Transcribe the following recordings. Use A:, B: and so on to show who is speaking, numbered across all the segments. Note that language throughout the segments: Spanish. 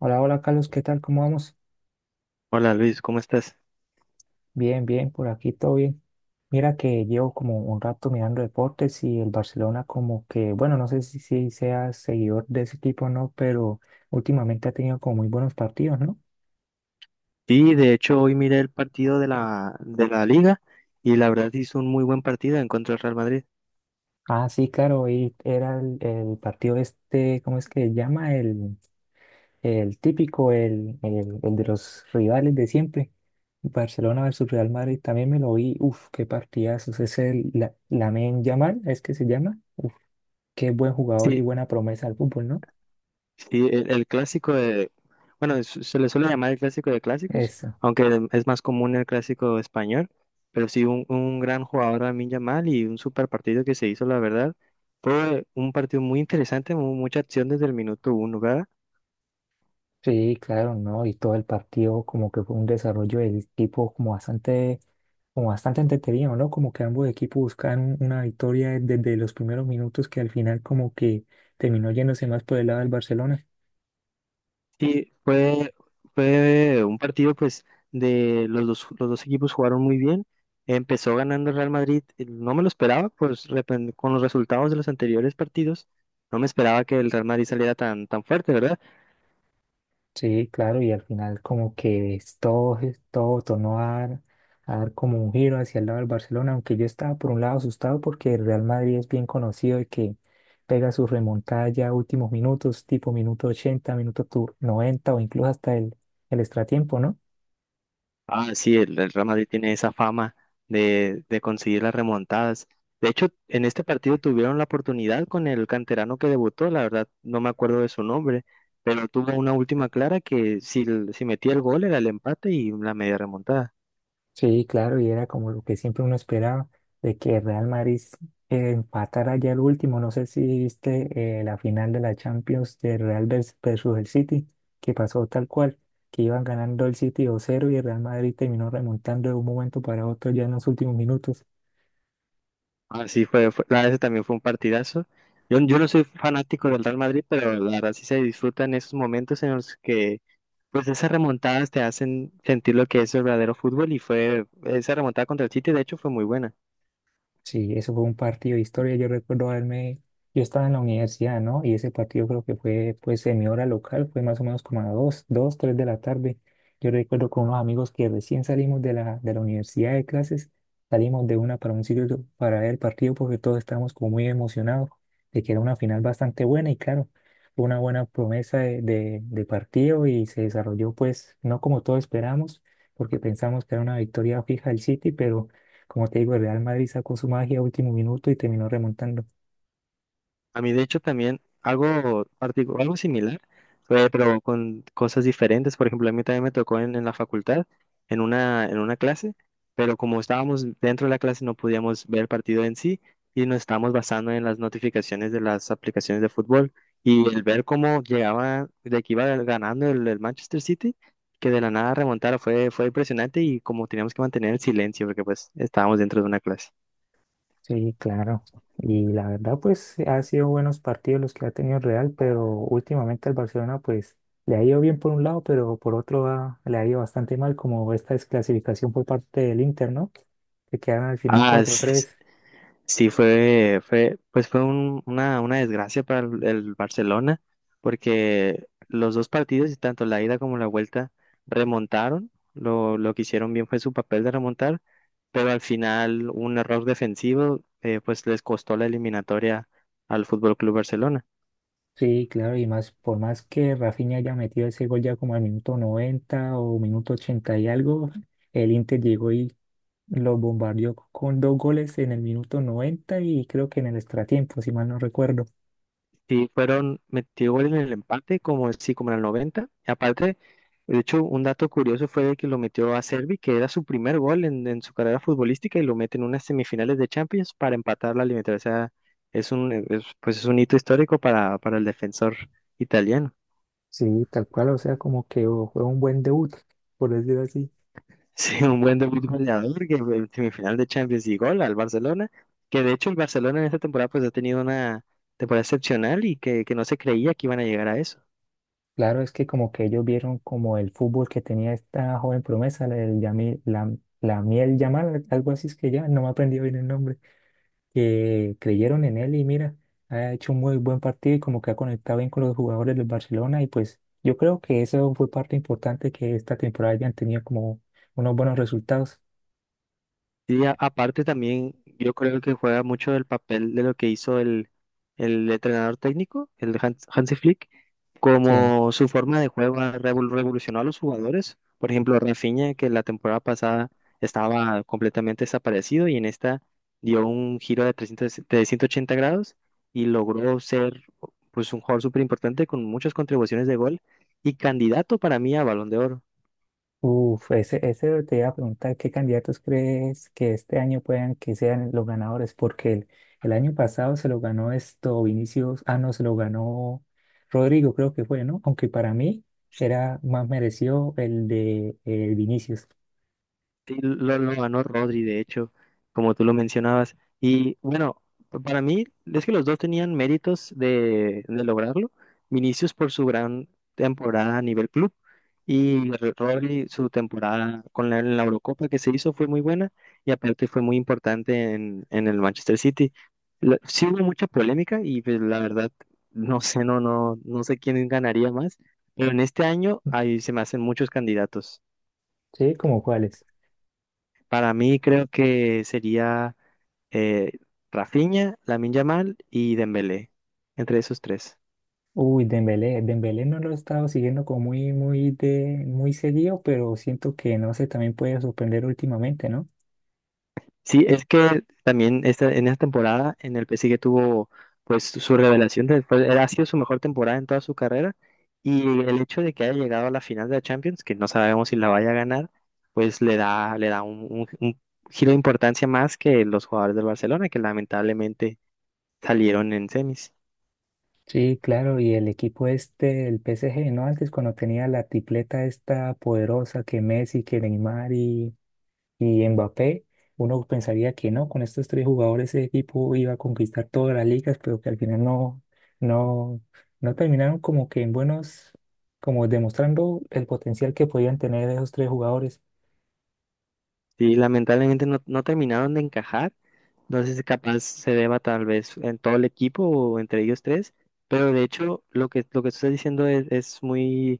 A: Hola, hola Carlos, ¿qué tal? ¿Cómo vamos?
B: Hola Luis, ¿cómo estás?
A: Bien, bien, por aquí todo bien. Mira que llevo como un rato mirando deportes y el Barcelona como que, bueno, no sé si sea seguidor de ese equipo o no, pero últimamente ha tenido como muy buenos partidos, ¿no?
B: Sí, de hecho hoy miré el partido de la liga y la verdad hizo un muy buen partido en contra del Real Madrid.
A: Ah, sí, claro, y era el partido este, ¿cómo es que se llama? El típico, el de los rivales de siempre. Barcelona versus Real Madrid, también me lo vi, uf, qué partidazos, es el la, Lamine Yamal, es que se llama. Qué buen jugador y
B: Sí,
A: buena promesa al fútbol, ¿no?
B: sí, el clásico de, bueno, se le suele llamar el clásico de clásicos,
A: Eso.
B: aunque es más común el clásico español, pero sí un gran jugador Lamine Yamal y un super partido que se hizo, la verdad. Fue un partido muy interesante, mucha acción desde el minuto uno, ¿verdad?
A: Sí, claro, ¿no? Y todo el partido como que fue un desarrollo del equipo como bastante entretenido, ¿no? Como que ambos equipos buscaban una victoria desde los primeros minutos que al final como que terminó yéndose más por el lado del Barcelona.
B: Sí, fue un partido pues de los dos equipos jugaron muy bien. Empezó ganando el Real Madrid, no me lo esperaba, pues con los resultados de los anteriores partidos, no me esperaba que el Real Madrid saliera tan fuerte, ¿verdad?
A: Sí, claro, y al final como que es todo tornó a dar como un giro hacia el lado del Barcelona, aunque yo estaba por un lado asustado porque el Real Madrid es bien conocido de que pega su remontada ya a últimos minutos, tipo minuto 80, 90 o incluso hasta el extratiempo, ¿no?
B: Ah, sí, el Real Madrid tiene esa fama de conseguir las remontadas. De hecho, en este partido tuvieron la oportunidad con el canterano que debutó, la verdad no me acuerdo de su nombre, pero tuvo una última clara que si metía el gol era el empate y la media remontada.
A: Sí, claro, y era como lo que siempre uno esperaba, de que Real Madrid empatara ya el último. No sé si viste la final de la Champions de versus el City, que pasó tal cual, que iban ganando el City dos cero y el Real Madrid terminó remontando de un momento para otro ya en los últimos minutos.
B: Ah, sí, la verdad ese también fue un partidazo. Yo no soy fanático del Real Madrid, pero la verdad sí se disfrutan esos momentos en los que pues esas remontadas te hacen sentir lo que es el verdadero fútbol y fue esa remontada contra el City, de hecho, fue muy buena.
A: Sí, eso fue un partido de historia. Yo recuerdo haberme, yo estaba en la universidad, ¿no? Y ese partido creo que fue, pues, en mi hora local, fue más o menos como a dos, dos, tres de la tarde. Yo recuerdo con unos amigos que recién salimos de la universidad de clases, salimos de una para un sitio para ver el partido porque todos estábamos como muy emocionados de que era una final bastante buena y claro, fue una buena promesa de partido y se desarrolló, pues, no como todos esperamos, porque pensamos que era una victoria fija del City, pero como te digo, el Real Madrid sacó su magia a último minuto y terminó remontando.
B: A mí, de hecho, también algo, algo similar, fue, pero con cosas diferentes. Por ejemplo, a mí también me tocó en la facultad, en en una clase, pero como estábamos dentro de la clase no podíamos ver el partido en sí y nos estábamos basando en las notificaciones de las aplicaciones de fútbol y el ver cómo llegaba, de que iba ganando el Manchester City, que de la nada remontara, fue impresionante y como teníamos que mantener el silencio porque pues estábamos dentro de una clase.
A: Sí, claro. Y la verdad, pues ha sido buenos partidos los que ha tenido el Real, pero últimamente al Barcelona, pues le ha ido bien por un lado, pero por otro le ha ido bastante mal, como esta desclasificación por parte del Inter, ¿no? Que quedaron al final
B: Ah,
A: cuatro tres.
B: sí, pues fue una desgracia para el Barcelona, porque los dos partidos, y tanto la ida como la vuelta, remontaron. Lo que hicieron bien fue su papel de remontar, pero al final un error defensivo, pues les costó la eliminatoria al Fútbol Club Barcelona.
A: Sí, claro, y más, por más que Rafinha haya metido ese gol ya como al minuto 90 o minuto 80 y algo, el Inter llegó y lo bombardeó con dos goles en el minuto 90 y creo que en el extratiempo, si mal no recuerdo.
B: Sí, fueron, metió gol en el empate, como sí, como en el 90. Y aparte, de hecho, un dato curioso fue de que lo metió a Servi, que era su primer gol en su carrera futbolística, y lo mete en unas semifinales de Champions para empatar la eliminatoria. O sea, es un, pues es un hito histórico para el defensor italiano.
A: Sí, tal cual, o sea, como que oh, fue un buen debut, por decirlo así.
B: Sí, un buen debut goleador que en semifinal de Champions y gol al Barcelona, que de hecho el Barcelona en esta temporada pues ha tenido una temporada excepcional y que no se creía que iban a llegar a eso.
A: Claro, es que como que ellos vieron como el fútbol que tenía esta joven promesa, la del Yamil, la, la Miel Yamal, algo así es que ya, no me he aprendido bien el nombre. Que creyeron en él y mira, ha hecho un muy buen partido y como que ha conectado bien con los jugadores del Barcelona y pues yo creo que eso fue parte importante que esta temporada hayan tenido como unos buenos resultados.
B: Y aparte también yo creo que juega mucho el papel de lo que hizo el entrenador técnico, el Hansi Flick,
A: Sí.
B: como su forma de juego ha revolucionó a los jugadores. Por ejemplo, Rafinha, que la temporada pasada estaba completamente desaparecido y en esta dio un giro de, 300 de 180 grados y logró ser pues un jugador súper importante con muchas contribuciones de gol y candidato para mí a Balón de Oro.
A: Uf, ese te iba a preguntar, ¿qué candidatos crees que este año puedan que sean los ganadores? Porque el año pasado se lo ganó esto Vinicius, ah, no, se lo ganó Rodrigo, creo que fue, ¿no? Aunque para mí era más merecido el de Vinicius.
B: Sí, lo ganó Rodri, de hecho, como tú lo mencionabas. Y bueno, para mí es que los dos tenían méritos de lograrlo. Vinicius por su gran temporada a nivel club y Rodri su temporada con la, en la Eurocopa que se hizo fue muy buena y aparte fue muy importante en el Manchester City. Sí hubo mucha polémica y pues la verdad no sé, no sé quién ganaría más, pero en este año ahí se me hacen muchos candidatos.
A: Sí, como cuáles.
B: Para mí creo que sería eh, Rafinha, Lamine Yamal y Dembélé, entre esos tres.
A: Uy, Dembélé no lo he estado siguiendo como muy, muy seguido, pero siento que no sé, también puede sorprender últimamente, ¿no?
B: Sí, es que también en esta temporada en el PSG tuvo pues su revelación, ha sido su mejor temporada en toda su carrera y el hecho de que haya llegado a la final de la Champions, que no sabemos si la vaya a ganar, pues le da un giro de importancia más que los jugadores del Barcelona, que lamentablemente salieron en semis.
A: Sí, claro, y el equipo este, el PSG, ¿no? Antes cuando tenía la tripleta esta poderosa que Messi, que Neymar y Mbappé, uno pensaría que no, con estos tres jugadores ese equipo iba a conquistar todas las ligas, pero que al final no, no terminaron como que en buenos, como demostrando el potencial que podían tener esos tres jugadores.
B: Sí, lamentablemente no, no terminaron de encajar. No sé si capaz se deba tal vez en todo el equipo o entre ellos tres, pero de hecho lo que tú estás diciendo es muy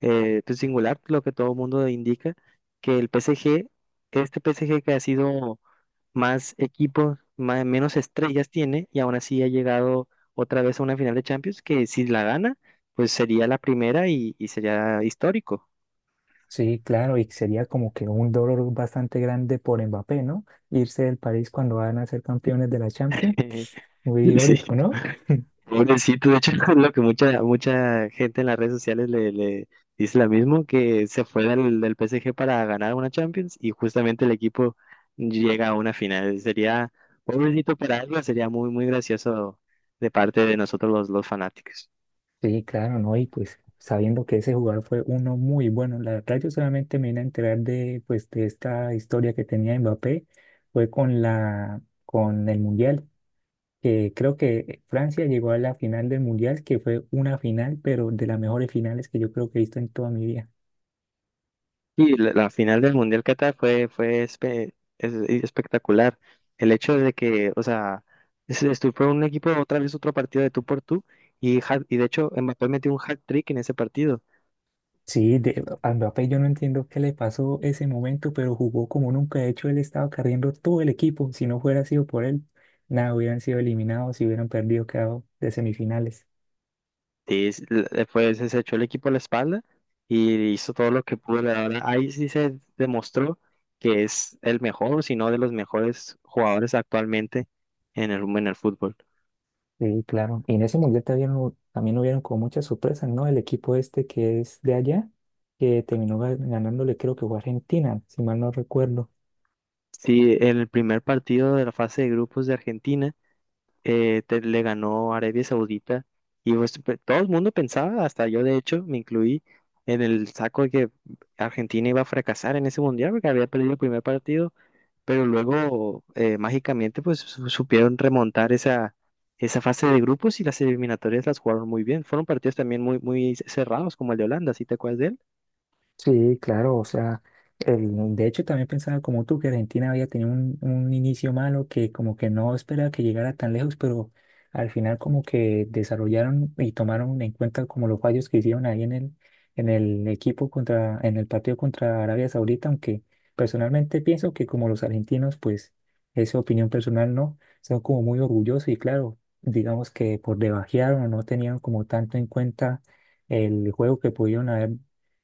B: pues, singular, lo que todo el mundo indica, que el este PSG que ha sido más equipos, menos estrellas tiene y aún así ha llegado otra vez a una final de Champions, que si la gana, pues sería la primera y sería histórico.
A: Sí, claro, y sería como que un dolor bastante grande por Mbappé, ¿no? Irse del país cuando van a ser campeones de la Champions. Muy
B: Sí.
A: irónico, ¿no?
B: Pobrecito, de hecho, es lo que mucha gente en las redes sociales le dice lo mismo, que se fue del PSG para ganar una Champions y justamente el equipo llega a una final. Sería, pobrecito para algo, sería muy gracioso de parte de nosotros los fanáticos.
A: Sí, claro, ¿no? Y pues sabiendo que ese jugador fue uno muy bueno, la verdad yo solamente me vine a enterar de, pues, de esta historia que tenía Mbappé, fue con la, con el Mundial, que creo que Francia llegó a la final del Mundial, que fue una final, pero de las mejores finales que yo creo que he visto en toda mi vida.
B: Y la final del Mundial Qatar fue espectacular. El hecho de que, o sea, se fue un equipo otra vez otro partido de tú por tú y, y de hecho Mbappé metió un hat-trick en ese partido.
A: Sí, de, a Mbappé yo no entiendo qué le pasó ese momento, pero jugó como nunca. De hecho, él estaba carriendo todo el equipo. Si no hubiera sido por él, nada, hubieran sido eliminados y hubieran perdido, quedado de semifinales.
B: Sí, después se echó el equipo a la espalda y hizo todo lo que pudo. La verdad, ahí sí se demostró que es el mejor, si no de los mejores jugadores actualmente en en el fútbol.
A: Sí, claro. Y en ese mundial también, también hubieron como muchas sorpresas, ¿no? El equipo este que es de allá, que terminó ganándole, creo que fue Argentina, si mal no recuerdo.
B: Sí, en el primer partido de la fase de grupos de Argentina le ganó Arabia Saudita y pues, todo el mundo pensaba, hasta yo de hecho me incluí en el saco de que Argentina iba a fracasar en ese mundial porque había perdido el primer partido. Pero luego mágicamente pues supieron remontar esa fase de grupos y las eliminatorias las jugaron muy bien. Fueron partidos también muy cerrados, como el de Holanda, ¿sí te acuerdas de él?
A: Sí, claro, o sea, de hecho también pensaba como tú que Argentina había tenido un inicio malo que como que no esperaba que llegara tan lejos, pero al final como que desarrollaron y tomaron en cuenta como los fallos que hicieron ahí en en el equipo contra, en el partido contra Arabia Saudita, aunque personalmente pienso que como los argentinos, pues esa opinión personal no, son como muy orgullosos y claro, digamos que por debajearon o no tenían como tanto en cuenta el juego que pudieron haber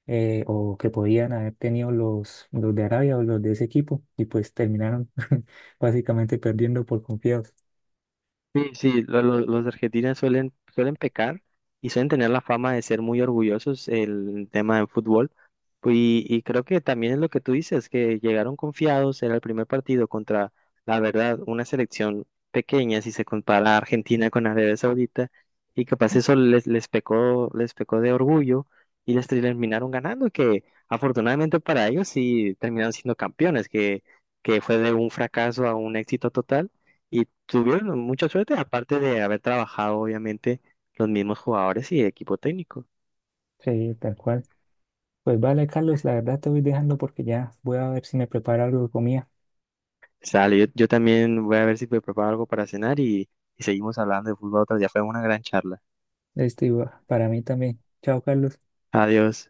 A: o que podían haber tenido los de Arabia o los de ese equipo y pues terminaron básicamente perdiendo por confiados.
B: Sí, sí, los argentinos suelen pecar y suelen tener la fama de ser muy orgullosos el tema de fútbol. Y creo que también es lo que tú dices, que llegaron confiados, era el primer partido contra, la verdad, una selección pequeña si se compara a Argentina con Arabia Saudita, y capaz eso les, les pecó de orgullo y les terminaron ganando, que afortunadamente para ellos sí terminaron siendo campeones, que fue de un fracaso a un éxito total, y tuvieron mucha suerte, aparte de haber trabajado, obviamente, los mismos jugadores y equipo técnico.
A: Sí, tal cual. Pues vale, Carlos, la verdad te voy dejando porque ya voy a ver si me preparo algo de comida.
B: Sale, yo también voy a ver si me preparo algo para cenar y seguimos hablando de fútbol otro día. Fue una gran charla.
A: Este, y para mí también. Chao, Carlos.
B: Adiós.